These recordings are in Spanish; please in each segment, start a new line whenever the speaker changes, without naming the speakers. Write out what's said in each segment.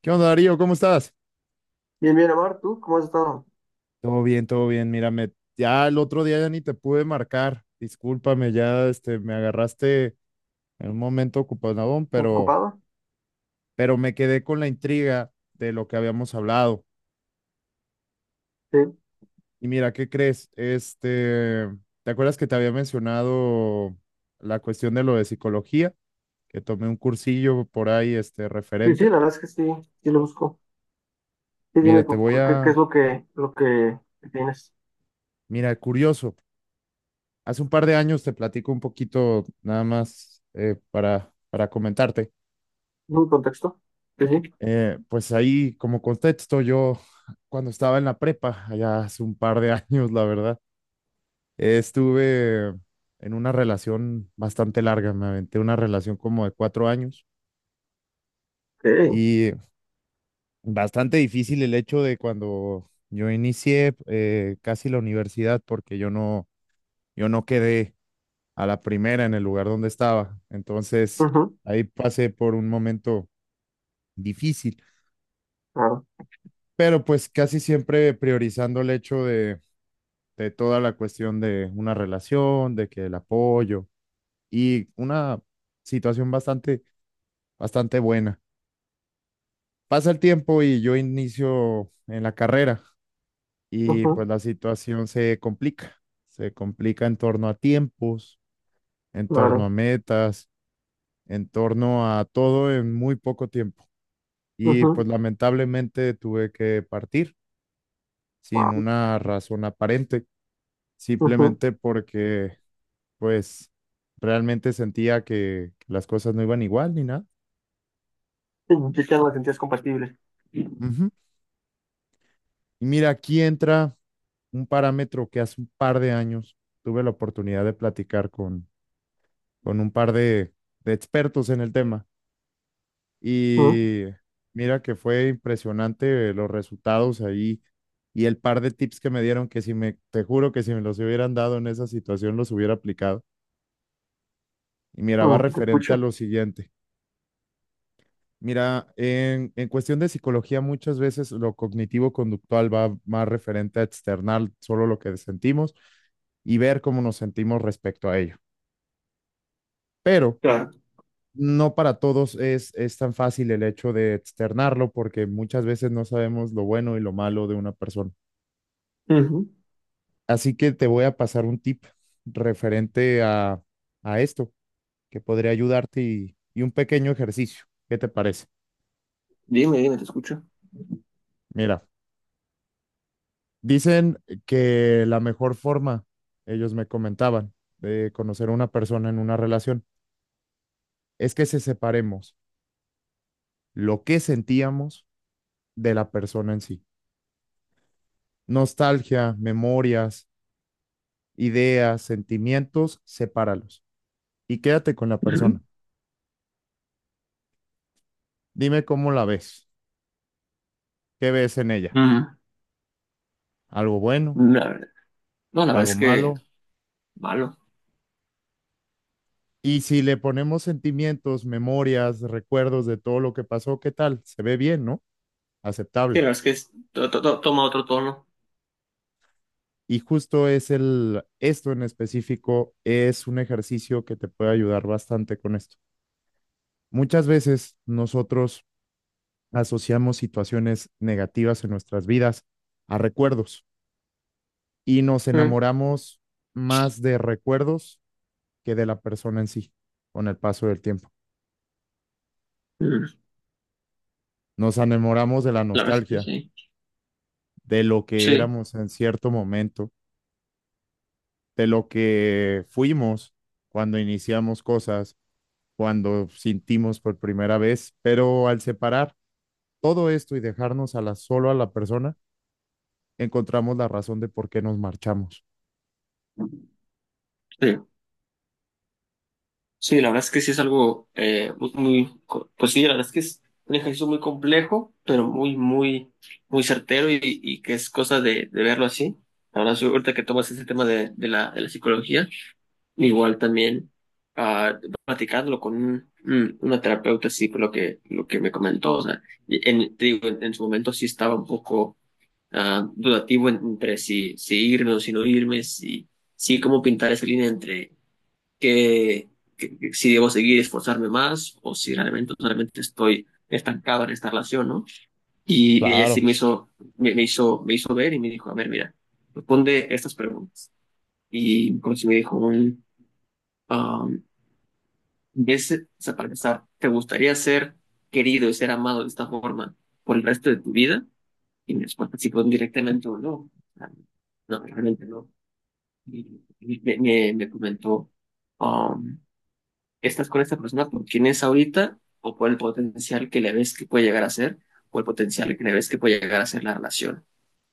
¿Qué onda, Darío? ¿Cómo estás?
Bien, bien, Amar, ¿tú cómo has estado?
Todo bien, todo bien. Mírame. Ya el otro día ya ni te pude marcar. Discúlpame, ya me agarraste en un momento ocupadón, pero,
¿Ocupado?
pero me quedé con la intriga de lo que habíamos hablado.
Sí,
Y mira, ¿qué crees? ¿Te acuerdas que te había mencionado la cuestión de lo de psicología? Que tomé un cursillo por ahí,
sí, sí,
referente.
la verdad es que sí, sí lo busco. Sí,
Mira,
dime
te voy
qué, qué es
a,
lo que tienes.
mira, curioso. Hace un par de años te platico un poquito nada más para comentarte.
¿Un contexto? Sí, sí.
Pues ahí como contexto, yo cuando estaba en la prepa, allá hace un par de años, la verdad, estuve en una relación bastante larga, me aventé una relación como de 4 años
Ok.
y bastante difícil el hecho de cuando yo inicié casi la universidad porque yo no quedé a la primera en el lugar donde estaba. Entonces,
Ujú,
ahí pasé por un momento difícil,
claro,
pero pues casi siempre priorizando el hecho de toda la cuestión de una relación, de que el apoyo y una situación bastante, bastante buena. Pasa el tiempo y yo inicio en la carrera y
ujú,
pues la situación se complica en torno a tiempos, en torno a
claro,
metas, en torno a todo en muy poco tiempo. Y pues
ujú.
lamentablemente tuve que partir sin
Wow.
una razón aparente,
Ujú.
simplemente porque pues realmente sentía que las cosas no iban igual ni nada.
Sí, ya no las sentías compatibles.
Ujú. Y mira, aquí entra un parámetro que hace un par de años tuve la oportunidad de platicar con un par de expertos en el tema.
Ujú,
Y mira que fue impresionante los resultados ahí y el par de tips que me dieron que si me, te juro que si me los hubieran dado en esa situación los hubiera aplicado. Y mira, va
ujú, te
referente a
escucho.
lo siguiente. Mira, en cuestión de psicología muchas veces lo cognitivo-conductual va más referente a externar solo lo que sentimos y ver cómo nos sentimos respecto a ello. Pero
Claro.
no para todos es tan fácil el hecho de externarlo porque muchas veces no sabemos lo bueno y lo malo de una persona.
Ujú.
Así que te voy a pasar un tip referente a esto que podría ayudarte y un pequeño ejercicio. ¿Qué te parece?
Dime, dime, te escucho.
Mira, dicen que la mejor forma, ellos me comentaban, de conocer a una persona en una relación es que se separemos lo que sentíamos de la persona en sí. Nostalgia, memorias, ideas, sentimientos, sepáralos y quédate con la
Ujú.
persona. Dime cómo la ves, qué ves en ella,
Ujú.
algo bueno,
La verdad- no, la verdad
algo
es que
malo.
malo.
Y si le ponemos sentimientos, memorias, recuerdos de todo lo que pasó, ¿qué tal? Se ve bien, ¿no?
Sí, la
Aceptable.
verdad es que toma otro tono.
Y justo es esto en específico es un ejercicio que te puede ayudar bastante con esto. Muchas veces nosotros asociamos situaciones negativas en nuestras vidas a recuerdos y nos
Ujú.
enamoramos más de recuerdos que de la persona en sí con el paso del tiempo.
Ujú.
Nos enamoramos de la
La verdad es que
nostalgia,
sí.
de lo que
Sí,
éramos en cierto momento, de lo que fuimos cuando iniciamos cosas, cuando sentimos por primera vez, pero al separar todo esto y dejarnos solo a la persona, encontramos la razón de por qué nos marchamos.
sí. Sí, la verdad es que sí es algo muy, pues sí, la verdad es que es un ejercicio muy complejo, pero muy, muy, muy certero y que es cosa de verlo así. La verdad, sí, ahorita que tomas ese tema de la psicología, igual también ah, platicándolo con una terapeuta, sí, por lo que me comentó, o sea, y en, te digo, en su momento sí estaba un poco dudativo entre si, si irme o si no irme, si, si cómo pintar esa línea entre que, que si debo seguir y esforzarme más o si realmente, realmente estoy estancado en esta relación, ¿no? Y ella sí
Claro,
me hizo ver y me dijo, a ver, mira, responde estas preguntas. Y como si me dijo, um, ¿ves, o sea, para empezar, ¿te gustaría ser querido y ser amado de esta forma por el resto de tu vida? Y me respuesta sí fue directamente o no. O sea, no, realmente no. Y me comentó. Estás con esta persona por quien es ahorita o por el potencial que le ves que puede llegar a ser o el potencial que le ves que puede llegar a ser la relación.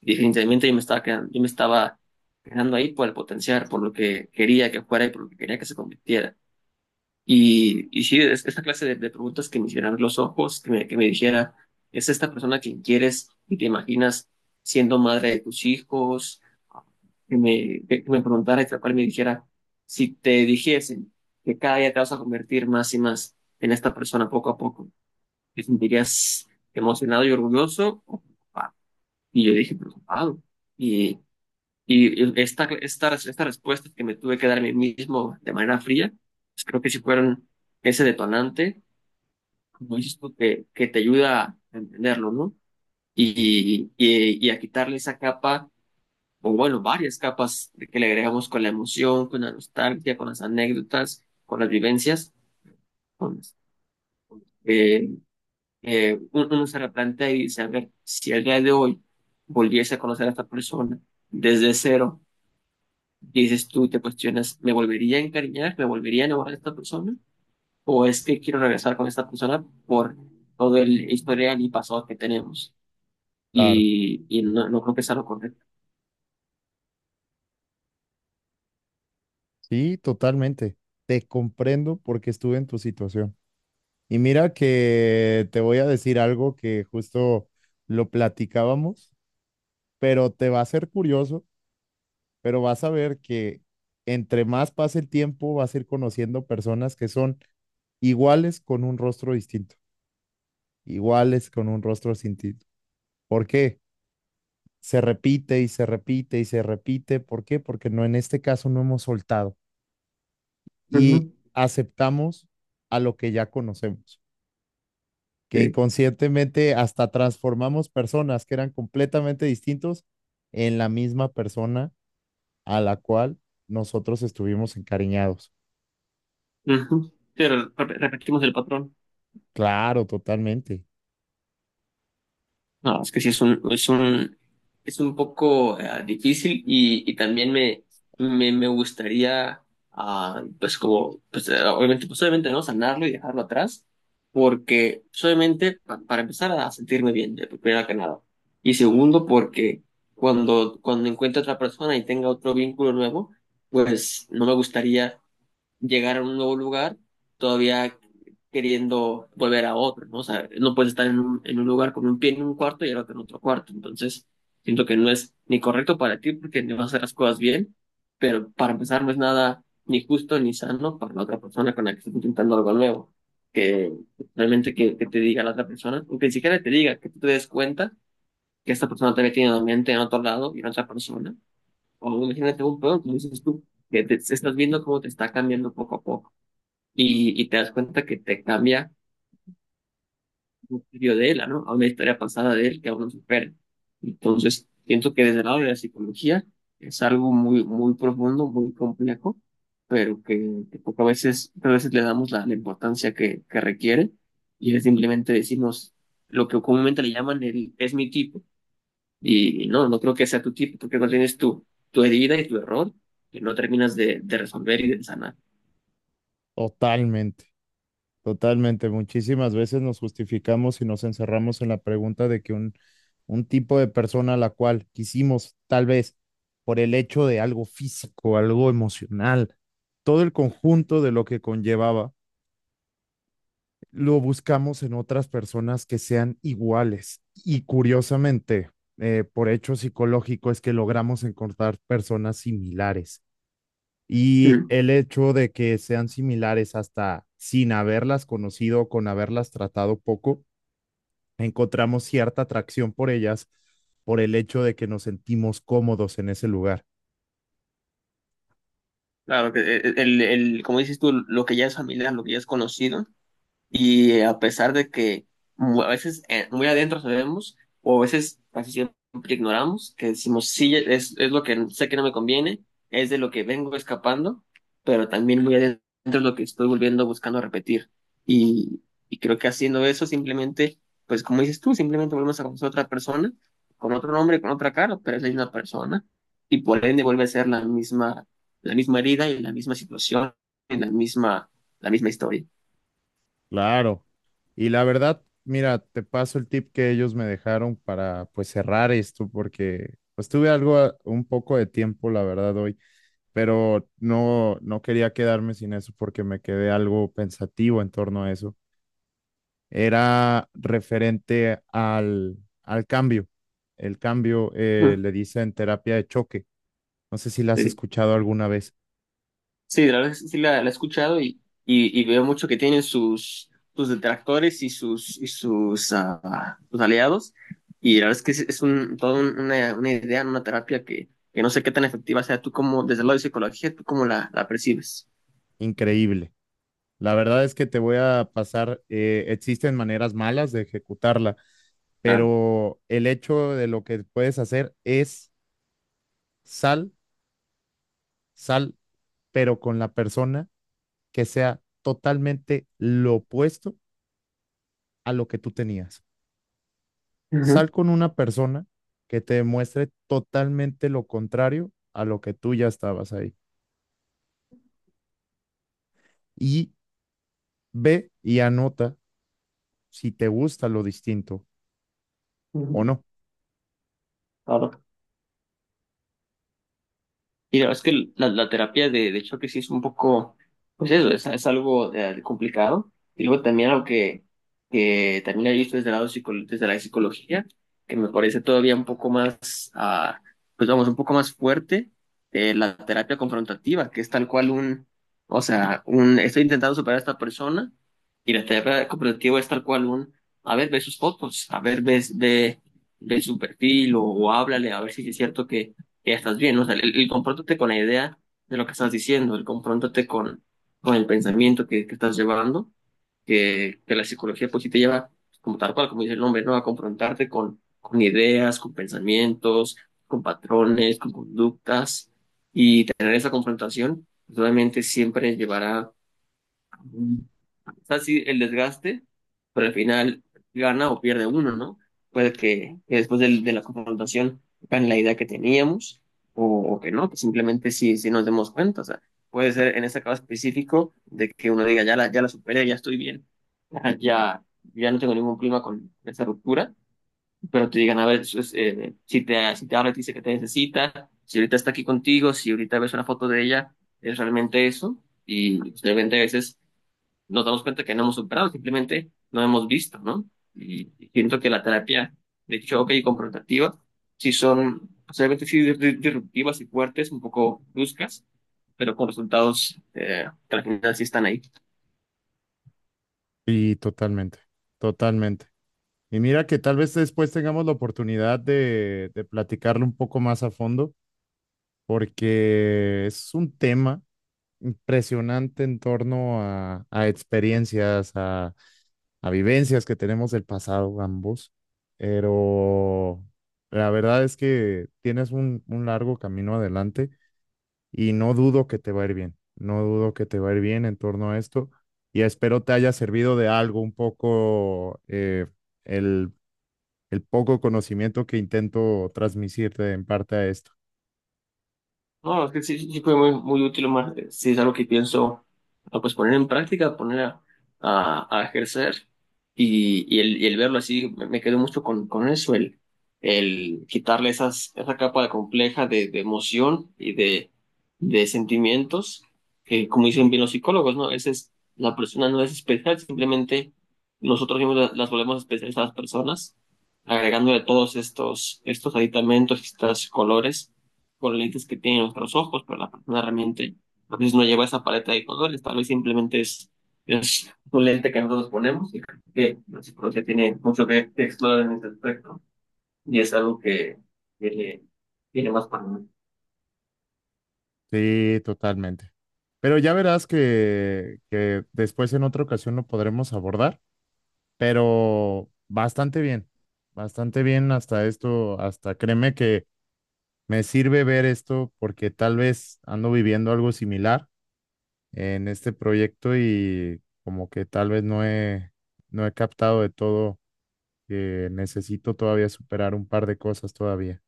Y definitivamente yo me estaba quedando, yo me estaba quedando ahí por el potencial, por lo que quería que fuera y por lo que quería que se convirtiera. Y sí, es esta clase de preguntas que me hicieran los ojos, que me dijera, ¿es esta persona que quieres y te imaginas siendo madre de tus hijos? Que me preguntara y tal cual me dijera, si te dijesen que cada día te vas a convertir más y más en esta persona poco a poco, ¿te sentirías emocionado y orgulloso o preocupado? Y yo dije, preocupado. Y esta, estas estas respuestas que me tuve que dar a mí mismo de manera fría, pues creo que sí fueron ese detonante, como dices tú, que te ayuda a entenderlo, ¿no? Y a quitarle esa capa, o bueno, varias capas de que le agregamos con la emoción, con la nostalgia, con las anécdotas, con las vivencias. Con, eh, uno se replantea y dice, a ver, si el día de hoy volviese a conocer a esta persona desde cero, y dices tú, te cuestionas, ¿me volvería a encariñar? ¿Me volvería a enamorar de esta persona? ¿O es que quiero regresar con esta persona por todo el historial y pasado que tenemos?
claro.
Y no, no creo que sea lo correcto.
Sí, totalmente. Te comprendo porque estuve en tu situación. Y mira que te voy a decir algo que justo lo platicábamos, pero te va a ser curioso, pero vas a ver que entre más pase el tiempo vas a ir conociendo personas que son iguales con un rostro distinto, iguales con un rostro distinto. ¿Por qué? Se repite y se repite y se repite. ¿Por qué? Porque no, en este caso no hemos soltado y
Ujú,
aceptamos a lo que ya conocemos. Que
sí.
inconscientemente hasta transformamos personas que eran completamente distintos en la misma persona a la cual nosotros estuvimos encariñados.
Ujú. Pero repetimos el patrón.
Claro, totalmente,
No, es que sí es un, es un, es un poco difícil y también me gustaría, pues como, pues obviamente, pues obviamente no sanarlo y dejarlo atrás, porque pues, obviamente para empezar a sentirme bien, de primero que nada. Y segundo, porque cuando, cuando encuentre otra persona y tenga otro vínculo nuevo, pues no me gustaría llegar a un nuevo lugar todavía queriendo volver a otro, ¿no? O sea, no puedes estar en un lugar con un pie en un cuarto y el otro en otro cuarto. Entonces, siento que no es ni correcto para ti porque no vas a hacer las cosas bien, pero para empezar no es nada ni justo ni sano para la otra persona con la que estás intentando algo nuevo. Que realmente que te diga la otra persona, o que ni siquiera te diga, que tú te des cuenta que esta persona también tiene la mente en otro lado y en otra persona. O imagínate un pedo, como dices tú, que te estás viendo cómo te está cambiando poco a poco y te das cuenta que te cambia un estudio de él, ¿no? A una historia pasada de él que aún no supera. Entonces, pienso que desde el lado de la psicología es algo muy, muy profundo, muy complejo, pero que poco a veces le damos la, la importancia que requiere y es simplemente decirnos lo que comúnmente le llaman el es mi tipo. Y no, no creo que sea tu tipo, porque no tienes tu, tu herida y tu error que no terminas de resolver y de sanar.
totalmente, totalmente. Muchísimas veces nos justificamos y nos encerramos en la pregunta de que un tipo de persona a la cual quisimos, tal vez por el hecho de algo físico, algo emocional, todo el conjunto de lo que conllevaba lo buscamos en otras personas que sean iguales. Y curiosamente, por hecho psicológico, es que logramos encontrar personas similares. Y
Mm.
el hecho de que sean similares hasta sin haberlas conocido, con haberlas tratado poco, encontramos cierta atracción por ellas por el hecho de que nos sentimos cómodos en ese lugar.
Claro, que el, como dices tú, lo que ya es familiar, lo que ya es conocido, y a pesar de que a veces muy adentro sabemos, o a veces casi siempre ignoramos, que decimos, sí, es lo que sé que no me conviene, es de lo que vengo escapando, pero también muy adentro es lo que estoy volviendo buscando repetir. Y, y creo que haciendo eso simplemente, pues como dices tú, simplemente volvemos a conocer a otra persona, con otro nombre, con otra cara, pero es la misma persona. Y por ende vuelve a ser la misma herida y la misma situación y la misma historia.
Claro. Y la verdad, mira, te paso el tip que ellos me dejaron para pues cerrar esto, porque pues tuve algo, un poco de tiempo, la verdad, hoy, pero no, no quería quedarme sin eso porque me quedé algo pensativo en torno a eso. Era referente al cambio. El cambio
Mm.
le dicen terapia de choque. No sé si la has escuchado alguna vez.
Sí, la verdad es que sí la he escuchado y veo mucho que tienen sus, sus detractores y sus, sus aliados. Y la verdad es que es un, toda una idea, una terapia que no sé qué tan efectiva sea. Tú como, desde el lado de psicología, tú cómo la, la percibes.
Increíble. La verdad es que te voy a pasar, existen maneras malas de ejecutarla,
Claro.
pero el hecho de lo que puedes hacer es sal, sal, pero con la persona que sea totalmente lo opuesto a lo que tú tenías.
Ujú,
Sal con una persona que te demuestre totalmente lo contrario a lo que tú ya estabas ahí. Y ve y anota si te gusta lo distinto o
ujú.
no.
Ahora, y la verdad es que la terapia de choque sí es un poco, pues eso, es algo complicado. Y luego también algo que también he visto desde el lado desde la psicología, que me parece todavía un poco más, pues vamos, un poco más fuerte, la terapia confrontativa, que es tal cual un, o sea, un, estoy intentando superar a esta persona, y la terapia confrontativa es tal cual un, a ver, ve sus fotos, a ver, ve, ve, ve su perfil, o háblale, a ver si es cierto que ya estás bien. O sea, el confróntate con la idea de lo que estás diciendo, el confróntate con el pensamiento que estás llevando, que la psicología pues sí te lleva, pues, como tal cual, como dice el nombre, ¿no? A confrontarte con ideas, con pensamientos, con patrones, con conductas, y tener esa confrontación, pues, obviamente siempre llevará o sea, sí, el desgaste, pero al final gana o pierde uno, ¿no? Puede que de, la confrontación gane la idea que teníamos o, o que no, que simplemente sí, sí nos demos cuenta. O sea, puede ser en este caso específico de que uno diga, ya la, ya la superé, ya estoy bien, ya, ya no tengo ningún problema con esa ruptura, pero te digan, a ver, eso es, si te, si te habla, te dice que te necesita, si ahorita está aquí contigo, si ahorita ves una foto de ella, es realmente eso. Y pues, realmente a veces nos damos cuenta que no hemos superado, simplemente no hemos visto, ¿no? Y siento que la terapia de choque y confrontativa sí son, posiblemente sí disruptivas y fuertes, un poco bruscas, pero con resultados que al final sí están ahí.
Y totalmente, totalmente. Y mira que tal vez después tengamos la oportunidad de platicarlo un poco más a fondo, porque es un tema impresionante en torno a experiencias, a vivencias que tenemos del pasado ambos, pero la verdad es que tienes un largo camino adelante y no dudo que te va a ir bien, no dudo que te va a ir bien en torno a esto, y espero te haya servido de algo un poco el, el poco conocimiento que intento transmitirte en parte a esto.
No, es que sí, sí sí fue muy, muy útil, Omar. Sí es algo que pienso pues poner en práctica, poner a ejercer y el verlo así, me quedo mucho con eso, el quitarle esas, esa capa de compleja de emoción y de sentimientos, que como dicen bien los psicólogos, ¿no? Esa es, la persona no es especial, simplemente nosotros mismos las volvemos especiales a las personas, agregándole todos estos, estos aditamentos, estos colores con lentes que tienen nuestros ojos, pero la persona realmente a veces no lleva esa paleta de colores, tal vez simplemente es un lente que nosotros ponemos y creo que la psicología tiene mucho que explorar en ese aspecto y es algo que tiene, tiene más para mí.
Sí, totalmente. Pero ya verás que después en otra ocasión lo podremos abordar, pero bastante bien hasta esto, hasta créeme que me sirve ver esto porque tal vez ando viviendo algo similar en este proyecto y como que tal vez no he captado de todo que necesito todavía superar un par de cosas todavía.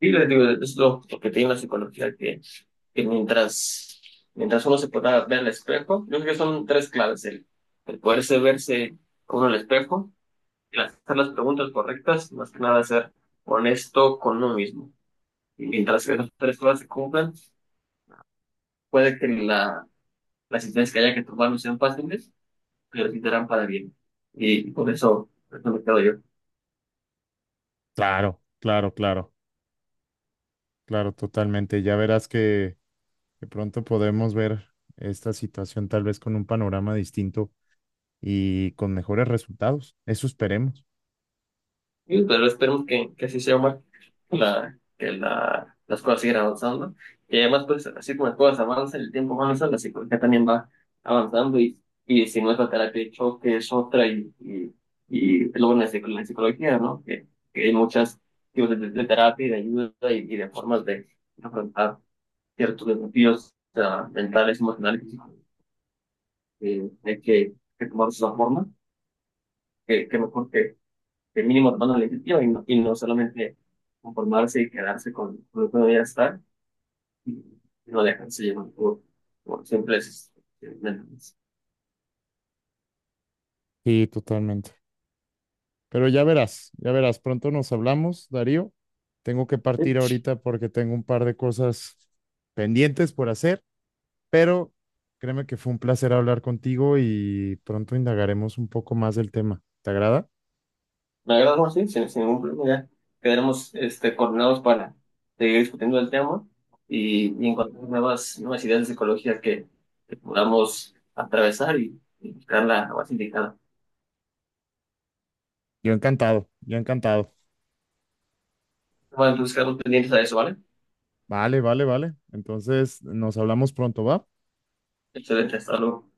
Y les digo, es lo que tiene la psicología, que mientras, mientras uno se pueda ver al espejo, yo creo que son tres claves, el poderse verse con uno al espejo, el hacer las preguntas correctas, más que nada ser honesto con uno mismo. Y mientras esas tres cosas se cumplan, puede que la, las decisiones que haya que tomar no sean fáciles, pero sí serán para bien. Y por eso me quedo yo.
Claro, claro, claro, claro, totalmente. Ya verás que pronto podemos ver esta situación tal vez con un panorama distinto y con mejores resultados. Eso esperemos.
Y, pero esperemos que así sea, Omar, la, que la, las cosas sigan avanzando. Y además, pues, así como las cosas avanzan, el tiempo avanza, la psicología también va avanzando. Y si no es la terapia de choque, es otra. Y luego en la, la psicología, ¿no? Que hay muchas tipos de terapia y de ayuda y de formas de afrontar ciertos desafíos o mentales, emocionales, físicos, hay que tomarlos de esa forma, que mejor que mínimo tomando la iniciativa y no solamente conformarse y quedarse con lo que uno ya está y no dejarse llevar por simples mentes.
Sí, totalmente. Pero ya verás, pronto nos hablamos, Darío. Tengo que partir
Sí,
ahorita porque tengo un par de cosas pendientes por hacer, pero créeme que fue un placer hablar contigo y pronto indagaremos un poco más del tema. ¿Te agrada?
me agrada más, sí, sin, sin ningún problema, ya quedaremos este, coordinados para seguir discutiendo el tema y encontrar nuevas, nuevas ideas de psicología que podamos atravesar y buscar la base indicada.
Yo encantado, yo encantado.
Bueno, entonces quedamos pendientes a eso, ¿vale?
Vale, vale, vale. Entonces nos hablamos pronto, ¿va?
Excelente, hasta luego.